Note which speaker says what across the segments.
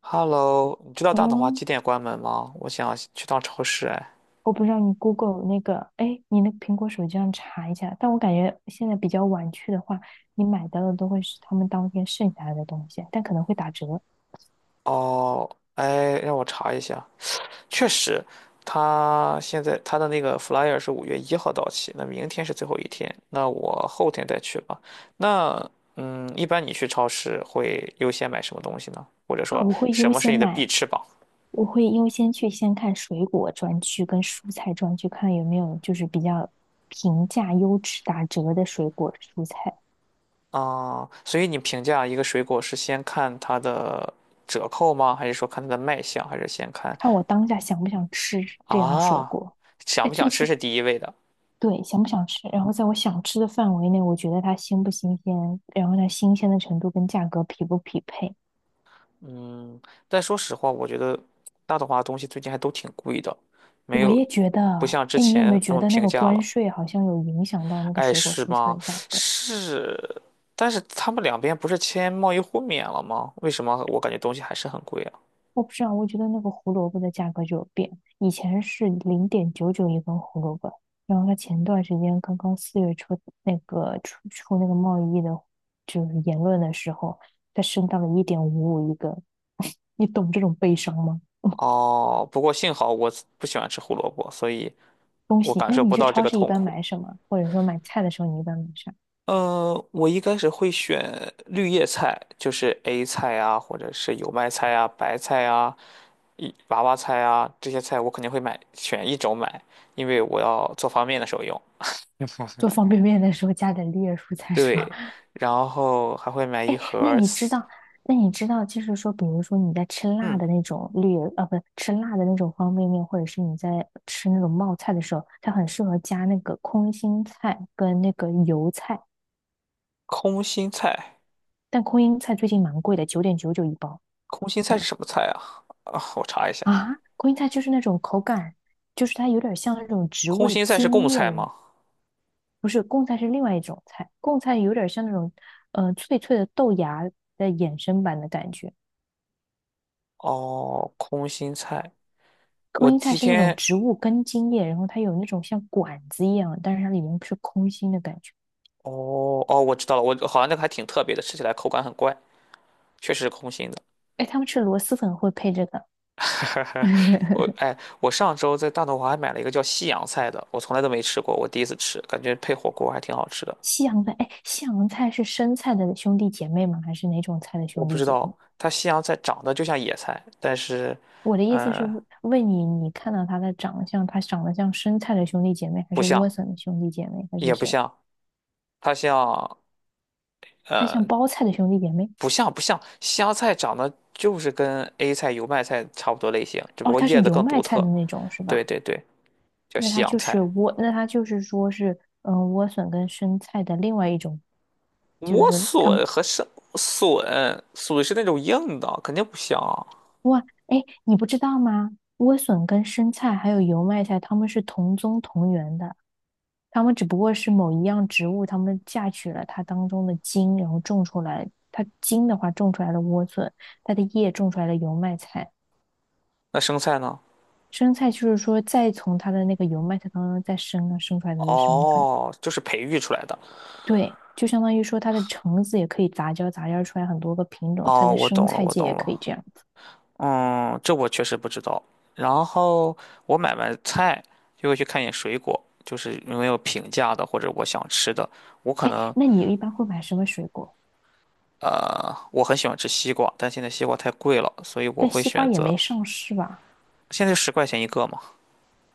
Speaker 1: Hello，你知道大统华
Speaker 2: 嗯，
Speaker 1: 几点关门吗？我想去趟超市，哎。
Speaker 2: 我不知道你 Google 那个，哎，你那个苹果手机上查一下。但我感觉现在比较晚去的话，你买到的都会是他们当天剩下来的东西，但可能会打折。
Speaker 1: 哦，哎，让我查一下。确实，他现在他的那个 flyer 是5月1号到期，那明天是最后一天，那我后天再去吧。那，一般你去超市会优先买什么东西呢？或者
Speaker 2: 啊，
Speaker 1: 说
Speaker 2: 我会
Speaker 1: 什
Speaker 2: 优
Speaker 1: 么是
Speaker 2: 先
Speaker 1: 你的必
Speaker 2: 买，
Speaker 1: 吃榜？
Speaker 2: 我会优先去先看水果专区跟蔬菜专区，看有没有就是比较平价、优质、打折的水果蔬菜，
Speaker 1: 啊，所以你评价一个水果是先看它的折扣吗？还是说看它的卖相？还是先看
Speaker 2: 看我当下想不想吃这样水
Speaker 1: 啊，
Speaker 2: 果。
Speaker 1: 想
Speaker 2: 哎，
Speaker 1: 不想
Speaker 2: 最
Speaker 1: 吃
Speaker 2: 近
Speaker 1: 是第一位的？
Speaker 2: 对，想不想吃？然后在我想吃的范围内，我觉得它新不新鲜，然后它新鲜的程度跟价格匹不匹配。
Speaker 1: 嗯，但说实话，我觉得大董话东西最近还都挺贵的，没
Speaker 2: 我
Speaker 1: 有
Speaker 2: 也觉
Speaker 1: 不
Speaker 2: 得，
Speaker 1: 像之
Speaker 2: 哎，你有没
Speaker 1: 前
Speaker 2: 有
Speaker 1: 那
Speaker 2: 觉
Speaker 1: 么
Speaker 2: 得那
Speaker 1: 平
Speaker 2: 个
Speaker 1: 价
Speaker 2: 关
Speaker 1: 了。
Speaker 2: 税好像有影响到那个
Speaker 1: 哎，
Speaker 2: 水果
Speaker 1: 是
Speaker 2: 蔬菜
Speaker 1: 吗？
Speaker 2: 的价格？
Speaker 1: 是，但是他们两边不是签贸易互免了吗？为什么我感觉东西还是很贵啊？
Speaker 2: 我不知道，我觉得那个胡萝卜的价格就有变，以前是0.99一根胡萝卜，然后它前段时间刚刚4月初那个出那个贸易的，就是言论的时候，它升到了1.55一根，你懂这种悲伤吗？
Speaker 1: 哦，不过幸好我不喜欢吃胡萝卜，所以
Speaker 2: 东
Speaker 1: 我
Speaker 2: 西，
Speaker 1: 感
Speaker 2: 那
Speaker 1: 受
Speaker 2: 你
Speaker 1: 不
Speaker 2: 去
Speaker 1: 到这
Speaker 2: 超
Speaker 1: 个
Speaker 2: 市一
Speaker 1: 痛
Speaker 2: 般
Speaker 1: 苦。
Speaker 2: 买什么？或者说买菜的时候，你一般买啥？
Speaker 1: 我一开始会选绿叶菜，就是 A 菜啊，或者是油麦菜啊、白菜啊、一娃娃菜啊这些菜，我肯定会买，选一种买，因为我要做方便面的时候用。
Speaker 2: 做 方便面的时候加点绿叶蔬菜是吧？
Speaker 1: 对，然后还会买 一
Speaker 2: 哎，
Speaker 1: 盒
Speaker 2: 那
Speaker 1: 儿
Speaker 2: 你知道，那你知道，就是说，比如说你在吃辣
Speaker 1: 嗯，
Speaker 2: 的那种绿叶，啊，不，吃辣的那种方便面，或者是你在吃那种冒菜的时候，它很适合加那个空心菜跟那个油菜。
Speaker 1: 空心菜。
Speaker 2: 但空心菜最近蛮贵的，9.99一包。
Speaker 1: 空心菜是什么菜啊？啊，我查一下，
Speaker 2: 啊！空心菜就是那种口感，就是它有点像那种植物
Speaker 1: 空
Speaker 2: 的
Speaker 1: 心菜是贡
Speaker 2: 茎叶
Speaker 1: 菜
Speaker 2: 的。
Speaker 1: 吗？
Speaker 2: 不是贡菜，是另外一种菜，贡菜有点像那种脆脆的豆芽的衍生版的感觉。
Speaker 1: 哦，空心菜，
Speaker 2: 空
Speaker 1: 我
Speaker 2: 心菜
Speaker 1: 今
Speaker 2: 是那种
Speaker 1: 天，
Speaker 2: 植物根茎叶，然后它有那种像管子一样，但是它里面是空心的感觉。
Speaker 1: 哦哦，我知道了，我好像那个还挺特别的，吃起来口感很怪。确实是空心的。
Speaker 2: 哎，他们吃螺蛳粉会配这个。
Speaker 1: 哎，我上周在大董华还买了一个叫西洋菜的，我从来都没吃过，我第一次吃，感觉配火锅还挺好吃的。
Speaker 2: 西洋菜，哎，西洋菜是生菜的兄弟姐妹吗？还是哪种菜的
Speaker 1: 我
Speaker 2: 兄
Speaker 1: 不
Speaker 2: 弟
Speaker 1: 知
Speaker 2: 姐妹？
Speaker 1: 道它西洋菜长得就像野菜，但是，
Speaker 2: 我的意思是
Speaker 1: 嗯、
Speaker 2: 问你，你看到它的长相，它长得像生菜的兄弟姐妹，还
Speaker 1: 不
Speaker 2: 是莴
Speaker 1: 像，
Speaker 2: 笋的兄弟姐妹，还是
Speaker 1: 也不
Speaker 2: 谁？
Speaker 1: 像，它像，
Speaker 2: 它像
Speaker 1: 呃，
Speaker 2: 包菜的兄弟姐妹？
Speaker 1: 不像不像，西洋菜长得就是跟 A 菜、油麦菜差不多类型，只不
Speaker 2: 哦，
Speaker 1: 过
Speaker 2: 它是
Speaker 1: 叶子
Speaker 2: 油
Speaker 1: 更
Speaker 2: 麦
Speaker 1: 独
Speaker 2: 菜
Speaker 1: 特。
Speaker 2: 的那种是
Speaker 1: 对
Speaker 2: 吧？
Speaker 1: 对对，叫
Speaker 2: 那
Speaker 1: 西
Speaker 2: 它
Speaker 1: 洋
Speaker 2: 就是
Speaker 1: 菜。
Speaker 2: 莴，那它就是说是，莴笋跟生菜的另外一种，就是
Speaker 1: 莴
Speaker 2: 说它
Speaker 1: 笋
Speaker 2: 们，
Speaker 1: 和生笋，笋是那种硬的，肯定不像啊。
Speaker 2: 哇，哎，你不知道吗？莴笋跟生菜还有油麦菜，它们是同宗同源的，它们只不过是某一样植物，它们嫁娶了它当中的茎，然后种出来，它茎的话种出来了莴笋，它的叶种出来了油麦菜，
Speaker 1: 那生菜呢？
Speaker 2: 生菜就是说再从它的那个油麦菜当中再生啊，生出来的那生菜。
Speaker 1: 哦，就是培育出来的。
Speaker 2: 对，就相当于说它的橙子也可以杂交，杂交出来很多个品种，它
Speaker 1: 哦，
Speaker 2: 的
Speaker 1: 我
Speaker 2: 生
Speaker 1: 懂了，
Speaker 2: 菜
Speaker 1: 我
Speaker 2: 界
Speaker 1: 懂
Speaker 2: 也可以这
Speaker 1: 了。
Speaker 2: 样子。
Speaker 1: 嗯，这我确实不知道。然后我买完菜就会去看一眼水果，就是有没有平价的或者我想吃的。我可
Speaker 2: 哎，
Speaker 1: 能
Speaker 2: 那你一般会买什么水果？
Speaker 1: 呃，我很喜欢吃西瓜，但现在西瓜太贵了，所以我
Speaker 2: 但
Speaker 1: 会
Speaker 2: 西瓜
Speaker 1: 选
Speaker 2: 也
Speaker 1: 择
Speaker 2: 没上市吧？
Speaker 1: 现在10块钱一个嘛。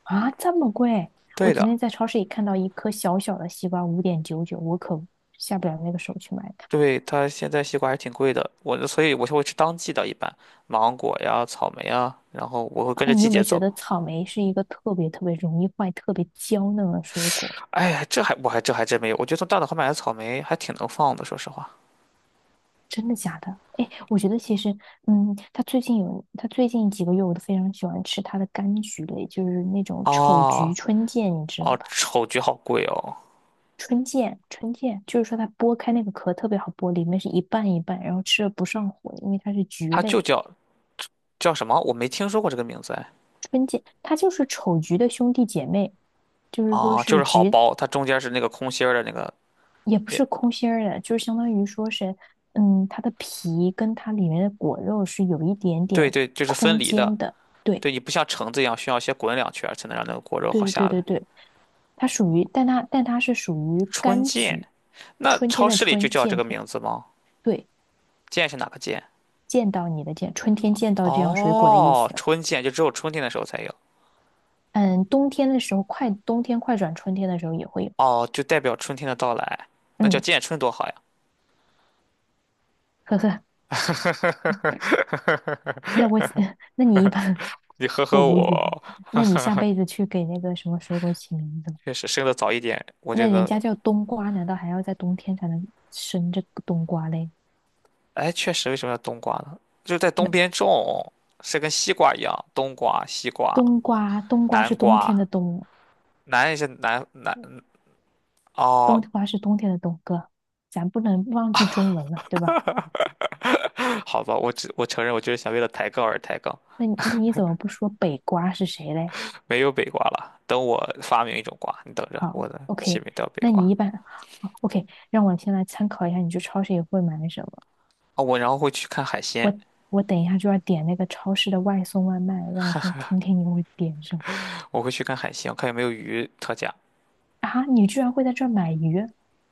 Speaker 2: 啊，这么贵！我
Speaker 1: 对
Speaker 2: 昨
Speaker 1: 的，
Speaker 2: 天在超市里看到一颗小小的西瓜，5.99，我可下不了那个手去买它。
Speaker 1: 对，它现在西瓜还是挺贵的。所以我就会吃当季的，一般芒果呀、草莓啊，然后我会跟
Speaker 2: 哎，
Speaker 1: 着
Speaker 2: 你
Speaker 1: 季
Speaker 2: 有没
Speaker 1: 节
Speaker 2: 有觉
Speaker 1: 走。
Speaker 2: 得草莓是一个特别特别容易坏、特别娇嫩的水果？
Speaker 1: 哎呀，这真没有，我觉得从大董后买的草莓还挺能放的，说实话。
Speaker 2: 真的假的？哎，我觉得其实，嗯，他最近有，他最近几个月我都非常喜欢吃他的柑橘类，就是那种丑橘
Speaker 1: 哦
Speaker 2: 春见，你知道
Speaker 1: 哦，
Speaker 2: 吧？
Speaker 1: 丑橘好贵哦，
Speaker 2: 春见，春见，就是说它剥开那个壳特别好剥，里面是一半一半，然后吃了不上火，因为它是橘
Speaker 1: 它
Speaker 2: 类，
Speaker 1: 就叫什么？我没听说过这个名字哎。
Speaker 2: 它就是丑橘的兄弟姐妹，就是说
Speaker 1: 哦，就
Speaker 2: 是
Speaker 1: 是好
Speaker 2: 橘，
Speaker 1: 剥，它中间是那个空心儿的那个，
Speaker 2: 也不是空心儿的，就是相当于说是，嗯，它的皮跟它里面的果肉是有一点
Speaker 1: 对
Speaker 2: 点
Speaker 1: 对，就是分
Speaker 2: 空
Speaker 1: 离
Speaker 2: 间
Speaker 1: 的。
Speaker 2: 的。对。
Speaker 1: 对，你不像橙子一样需要先滚两圈儿才能让那个果肉
Speaker 2: 对
Speaker 1: 好
Speaker 2: 对
Speaker 1: 下
Speaker 2: 对
Speaker 1: 来。
Speaker 2: 对对，它属于，但它是属于
Speaker 1: 春
Speaker 2: 柑
Speaker 1: 见，
Speaker 2: 橘，
Speaker 1: 那
Speaker 2: 春天
Speaker 1: 超
Speaker 2: 的
Speaker 1: 市里就
Speaker 2: 春，
Speaker 1: 叫这
Speaker 2: 见
Speaker 1: 个
Speaker 2: 天，
Speaker 1: 名字吗？
Speaker 2: 对，
Speaker 1: 见是哪个见？
Speaker 2: 见到你的见，春天见到这样水果的意
Speaker 1: 哦，
Speaker 2: 思。
Speaker 1: 春见就只有春天的时候才有。
Speaker 2: 嗯，冬天的时候快，冬天快转春天的时候也会有。
Speaker 1: 哦，就代表春天的到来，那叫
Speaker 2: 嗯，
Speaker 1: 见春多好呀。
Speaker 2: 呵呵，那我 那你一般
Speaker 1: 你呵
Speaker 2: 我
Speaker 1: 呵
Speaker 2: 无语了。
Speaker 1: 我。
Speaker 2: 那你下辈子去给那个什么水果起名字吧。
Speaker 1: 确实生的早一点，我就
Speaker 2: 那人
Speaker 1: 能。
Speaker 2: 家叫冬瓜，难道还要在冬天才能生这个冬瓜嘞？
Speaker 1: 哎，确实，为什么要冬瓜呢？就是在
Speaker 2: 那
Speaker 1: 东边种，是跟西瓜一样，冬瓜、西瓜、
Speaker 2: 冬瓜，冬瓜是
Speaker 1: 南
Speaker 2: 冬天的
Speaker 1: 瓜，
Speaker 2: 冬，
Speaker 1: 南也是南
Speaker 2: 冬
Speaker 1: 哦。
Speaker 2: 瓜是冬天的冬哥，咱不能忘记中文了，对吧？
Speaker 1: 好吧，我承认，我就是想为了抬杠而抬杠，
Speaker 2: 那你怎么不说北瓜是谁嘞？
Speaker 1: 没有北瓜了。等我发明一种瓜，你等着，
Speaker 2: 好
Speaker 1: 我的起
Speaker 2: ，OK,
Speaker 1: 名叫北
Speaker 2: 那
Speaker 1: 瓜
Speaker 2: 你一般好，OK，让我先来参考一下，你去超市也会买什么？
Speaker 1: 啊。
Speaker 2: 我我等一下就要点那个超市的外送外卖，让我先听听你会点什么。
Speaker 1: 我会去看海鲜，看有没有鱼特价。
Speaker 2: 啊？你居然会在这儿买鱼？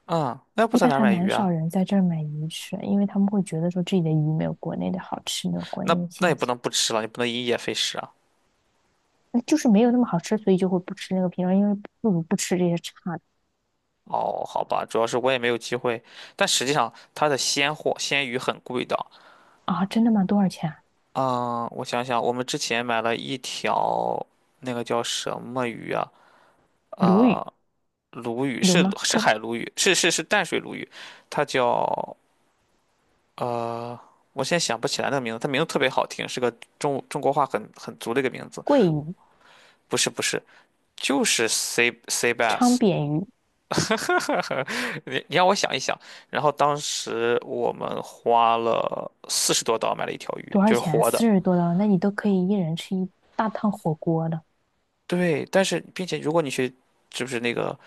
Speaker 1: 嗯，那要不
Speaker 2: 一
Speaker 1: 在
Speaker 2: 般
Speaker 1: 哪儿
Speaker 2: 还
Speaker 1: 买
Speaker 2: 蛮
Speaker 1: 鱼
Speaker 2: 少
Speaker 1: 啊？
Speaker 2: 人在这儿买鱼吃，因为他们会觉得说这里的鱼没有国内的好吃，没有国内
Speaker 1: 那
Speaker 2: 的
Speaker 1: 那也
Speaker 2: 新
Speaker 1: 不
Speaker 2: 鲜，
Speaker 1: 能不吃了，你不能因噎废食啊。
Speaker 2: 那就是没有那么好吃，所以就会不吃那个品种，因为不如不吃这些差的。
Speaker 1: 哦，好吧，主要是我也没有机会，但实际上它的鲜货鲜鱼很贵的。
Speaker 2: 啊，真的吗？多少钱啊？
Speaker 1: 嗯，我想想，我们之前买了一条那个叫什么鱼啊？
Speaker 2: 鲈鱼。
Speaker 1: 呃，鲈鱼
Speaker 2: 有
Speaker 1: 是
Speaker 2: 吗？
Speaker 1: 是
Speaker 2: 它。
Speaker 1: 海鲈鱼，是淡水鲈鱼，它叫呃，我现在想不起来那个名字，它名字特别好听，是个中国话很足的一个名字。
Speaker 2: 桂鱼、
Speaker 1: 不是不是，就是 sea
Speaker 2: 昌
Speaker 1: bass，
Speaker 2: 扁鱼。
Speaker 1: 你让我想一想，然后当时我们花了40多刀买了一条鱼，
Speaker 2: 多少
Speaker 1: 就是
Speaker 2: 钱啊？
Speaker 1: 活的。
Speaker 2: 四十多刀，那你都可以一人吃一大趟火锅了。
Speaker 1: 对，但是并且如果你去，就是那个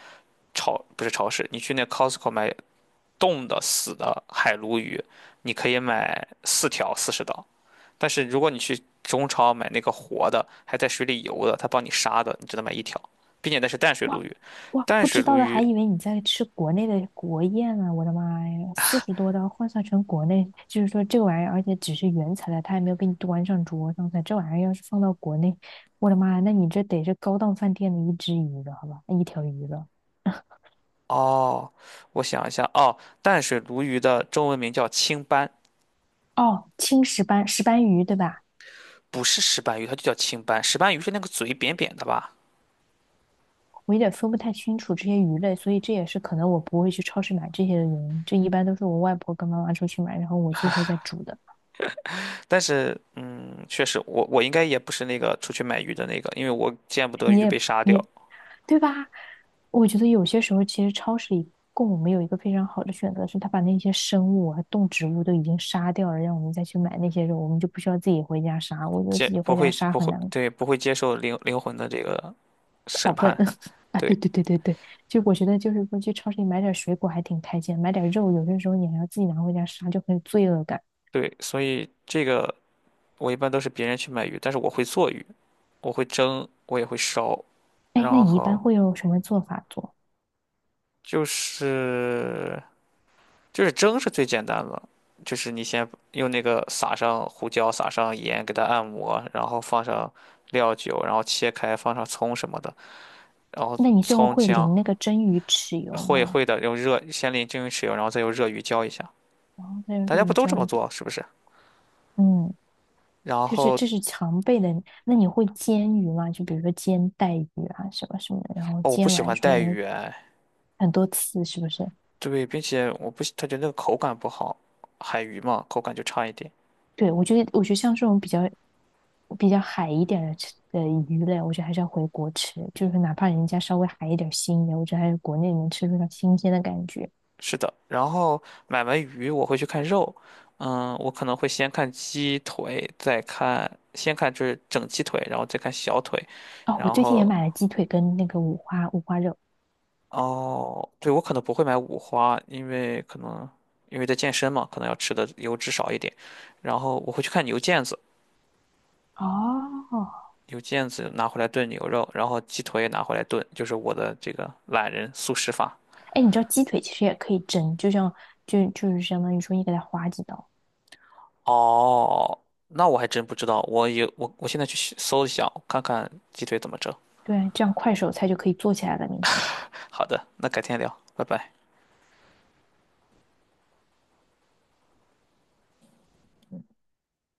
Speaker 1: 不是超市，你去那 Costco 买冻的死的海鲈鱼，你可以买四条40刀。但是如果你去中超买那个活的，还在水里游的，他帮你杀的，你只能买一条，并且那是淡水
Speaker 2: 哇，
Speaker 1: 鲈鱼。
Speaker 2: 哇，
Speaker 1: 淡
Speaker 2: 不
Speaker 1: 水
Speaker 2: 知
Speaker 1: 鲈
Speaker 2: 道的还
Speaker 1: 鱼，
Speaker 2: 以为你在吃国内的国宴呢、我的妈呀，四十多刀换算成国内，就是说这玩意儿，而且只是原材料，他还没有给你端上桌上菜。这玩意儿要是放到国内，我的妈呀，那你这得是高档饭店的一只鱼了，好吧？一条鱼了。
Speaker 1: 哦，我想一下，哦，淡水鲈鱼的中文名叫青斑。
Speaker 2: 哦，青石斑石斑鱼对吧？
Speaker 1: 不是石斑鱼，它就叫青斑。石斑鱼是那个嘴扁扁的吧？
Speaker 2: 我有点分不太清楚这些鱼类，所以这也是可能我不会去超市买这些的原因。这一般都是我外婆跟妈妈出去买，然后我最后再煮的。
Speaker 1: 但是，嗯，确实，我应该也不是那个出去买鱼的那个，因为我见不得
Speaker 2: 你
Speaker 1: 鱼被
Speaker 2: 也
Speaker 1: 杀
Speaker 2: 你
Speaker 1: 掉，
Speaker 2: 也对吧？我觉得有些时候其实超市里供我们有一个非常好的选择，是他把那些生物和动植物都已经杀掉了，让我们再去买那些肉，我们就不需要自己回家杀。我觉得自
Speaker 1: 接
Speaker 2: 己
Speaker 1: 不
Speaker 2: 回家
Speaker 1: 会
Speaker 2: 杀
Speaker 1: 不
Speaker 2: 很
Speaker 1: 会
Speaker 2: 难
Speaker 1: 对，不会接受灵魂的这个
Speaker 2: 拷
Speaker 1: 审
Speaker 2: 笨。
Speaker 1: 判，
Speaker 2: 啊！对
Speaker 1: 对
Speaker 2: 对对对对，就我觉得就是说去超市里买点水果还挺开心，买点肉有些时候你还要自己拿回家杀，就很有罪恶感。
Speaker 1: 对，所以这个我一般都是别人去买鱼，但是我会做鱼，我会蒸，我也会烧，
Speaker 2: 哎，那
Speaker 1: 然
Speaker 2: 你一般
Speaker 1: 后
Speaker 2: 会用什么做法做？
Speaker 1: 就是就是蒸是最简单的，就是你先用那个撒上胡椒，撒上盐，给它按摩，然后放上料酒，然后切开，放上葱什么的，然后
Speaker 2: 那你最后
Speaker 1: 葱
Speaker 2: 会
Speaker 1: 姜
Speaker 2: 淋那个蒸鱼豉油
Speaker 1: 会
Speaker 2: 吗？
Speaker 1: 会的，用热先淋蒸油，然后再用热鱼浇一下。
Speaker 2: 然后再用
Speaker 1: 大
Speaker 2: 这
Speaker 1: 家
Speaker 2: 个鱼
Speaker 1: 不都这
Speaker 2: 浇
Speaker 1: 么
Speaker 2: 一锅。
Speaker 1: 做是不是？
Speaker 2: 嗯，
Speaker 1: 然
Speaker 2: 就是
Speaker 1: 后
Speaker 2: 这是常备的。那你会煎鱼吗？就比如说煎带鱼啊，什么什么的，然后
Speaker 1: 哦，我不
Speaker 2: 煎
Speaker 1: 喜
Speaker 2: 完
Speaker 1: 欢
Speaker 2: 之后
Speaker 1: 带
Speaker 2: 然后
Speaker 1: 鱼哎，
Speaker 2: 很多次，是不是？
Speaker 1: 对，并且我不喜，他觉得那个口感不好，海鱼嘛，口感就差一点。
Speaker 2: 对，我觉得我觉得像这种比较比较海一点的吃的鱼类，我觉得还是要回国吃，就是哪怕人家稍微海一点、腥一点，我觉得还是国内能吃出它新鲜的感觉。
Speaker 1: 是的，然后买完鱼我会去看肉，嗯，我可能会先看鸡腿，再看，先看就是整鸡腿，然后再看小腿，
Speaker 2: 哦，我
Speaker 1: 然
Speaker 2: 最近也
Speaker 1: 后
Speaker 2: 买了鸡腿跟那个五花肉。
Speaker 1: 哦，对，我可能不会买五花，因为可能因为在健身嘛，可能要吃的油脂少一点，然后我会去看牛腱子，
Speaker 2: 哦，
Speaker 1: 牛腱子拿回来炖牛肉，然后鸡腿也拿回来炖，就是我的这个懒人速食法。
Speaker 2: 哎，你知道鸡腿其实也可以蒸，就像就就是相当于说你给它划几刀，
Speaker 1: 哦，那我还真不知道，我有我我现在去搜一下，看看鸡腿怎么整。
Speaker 2: 对，这样快手菜就可以做起来了。明天
Speaker 1: 好的，那改天聊，拜拜。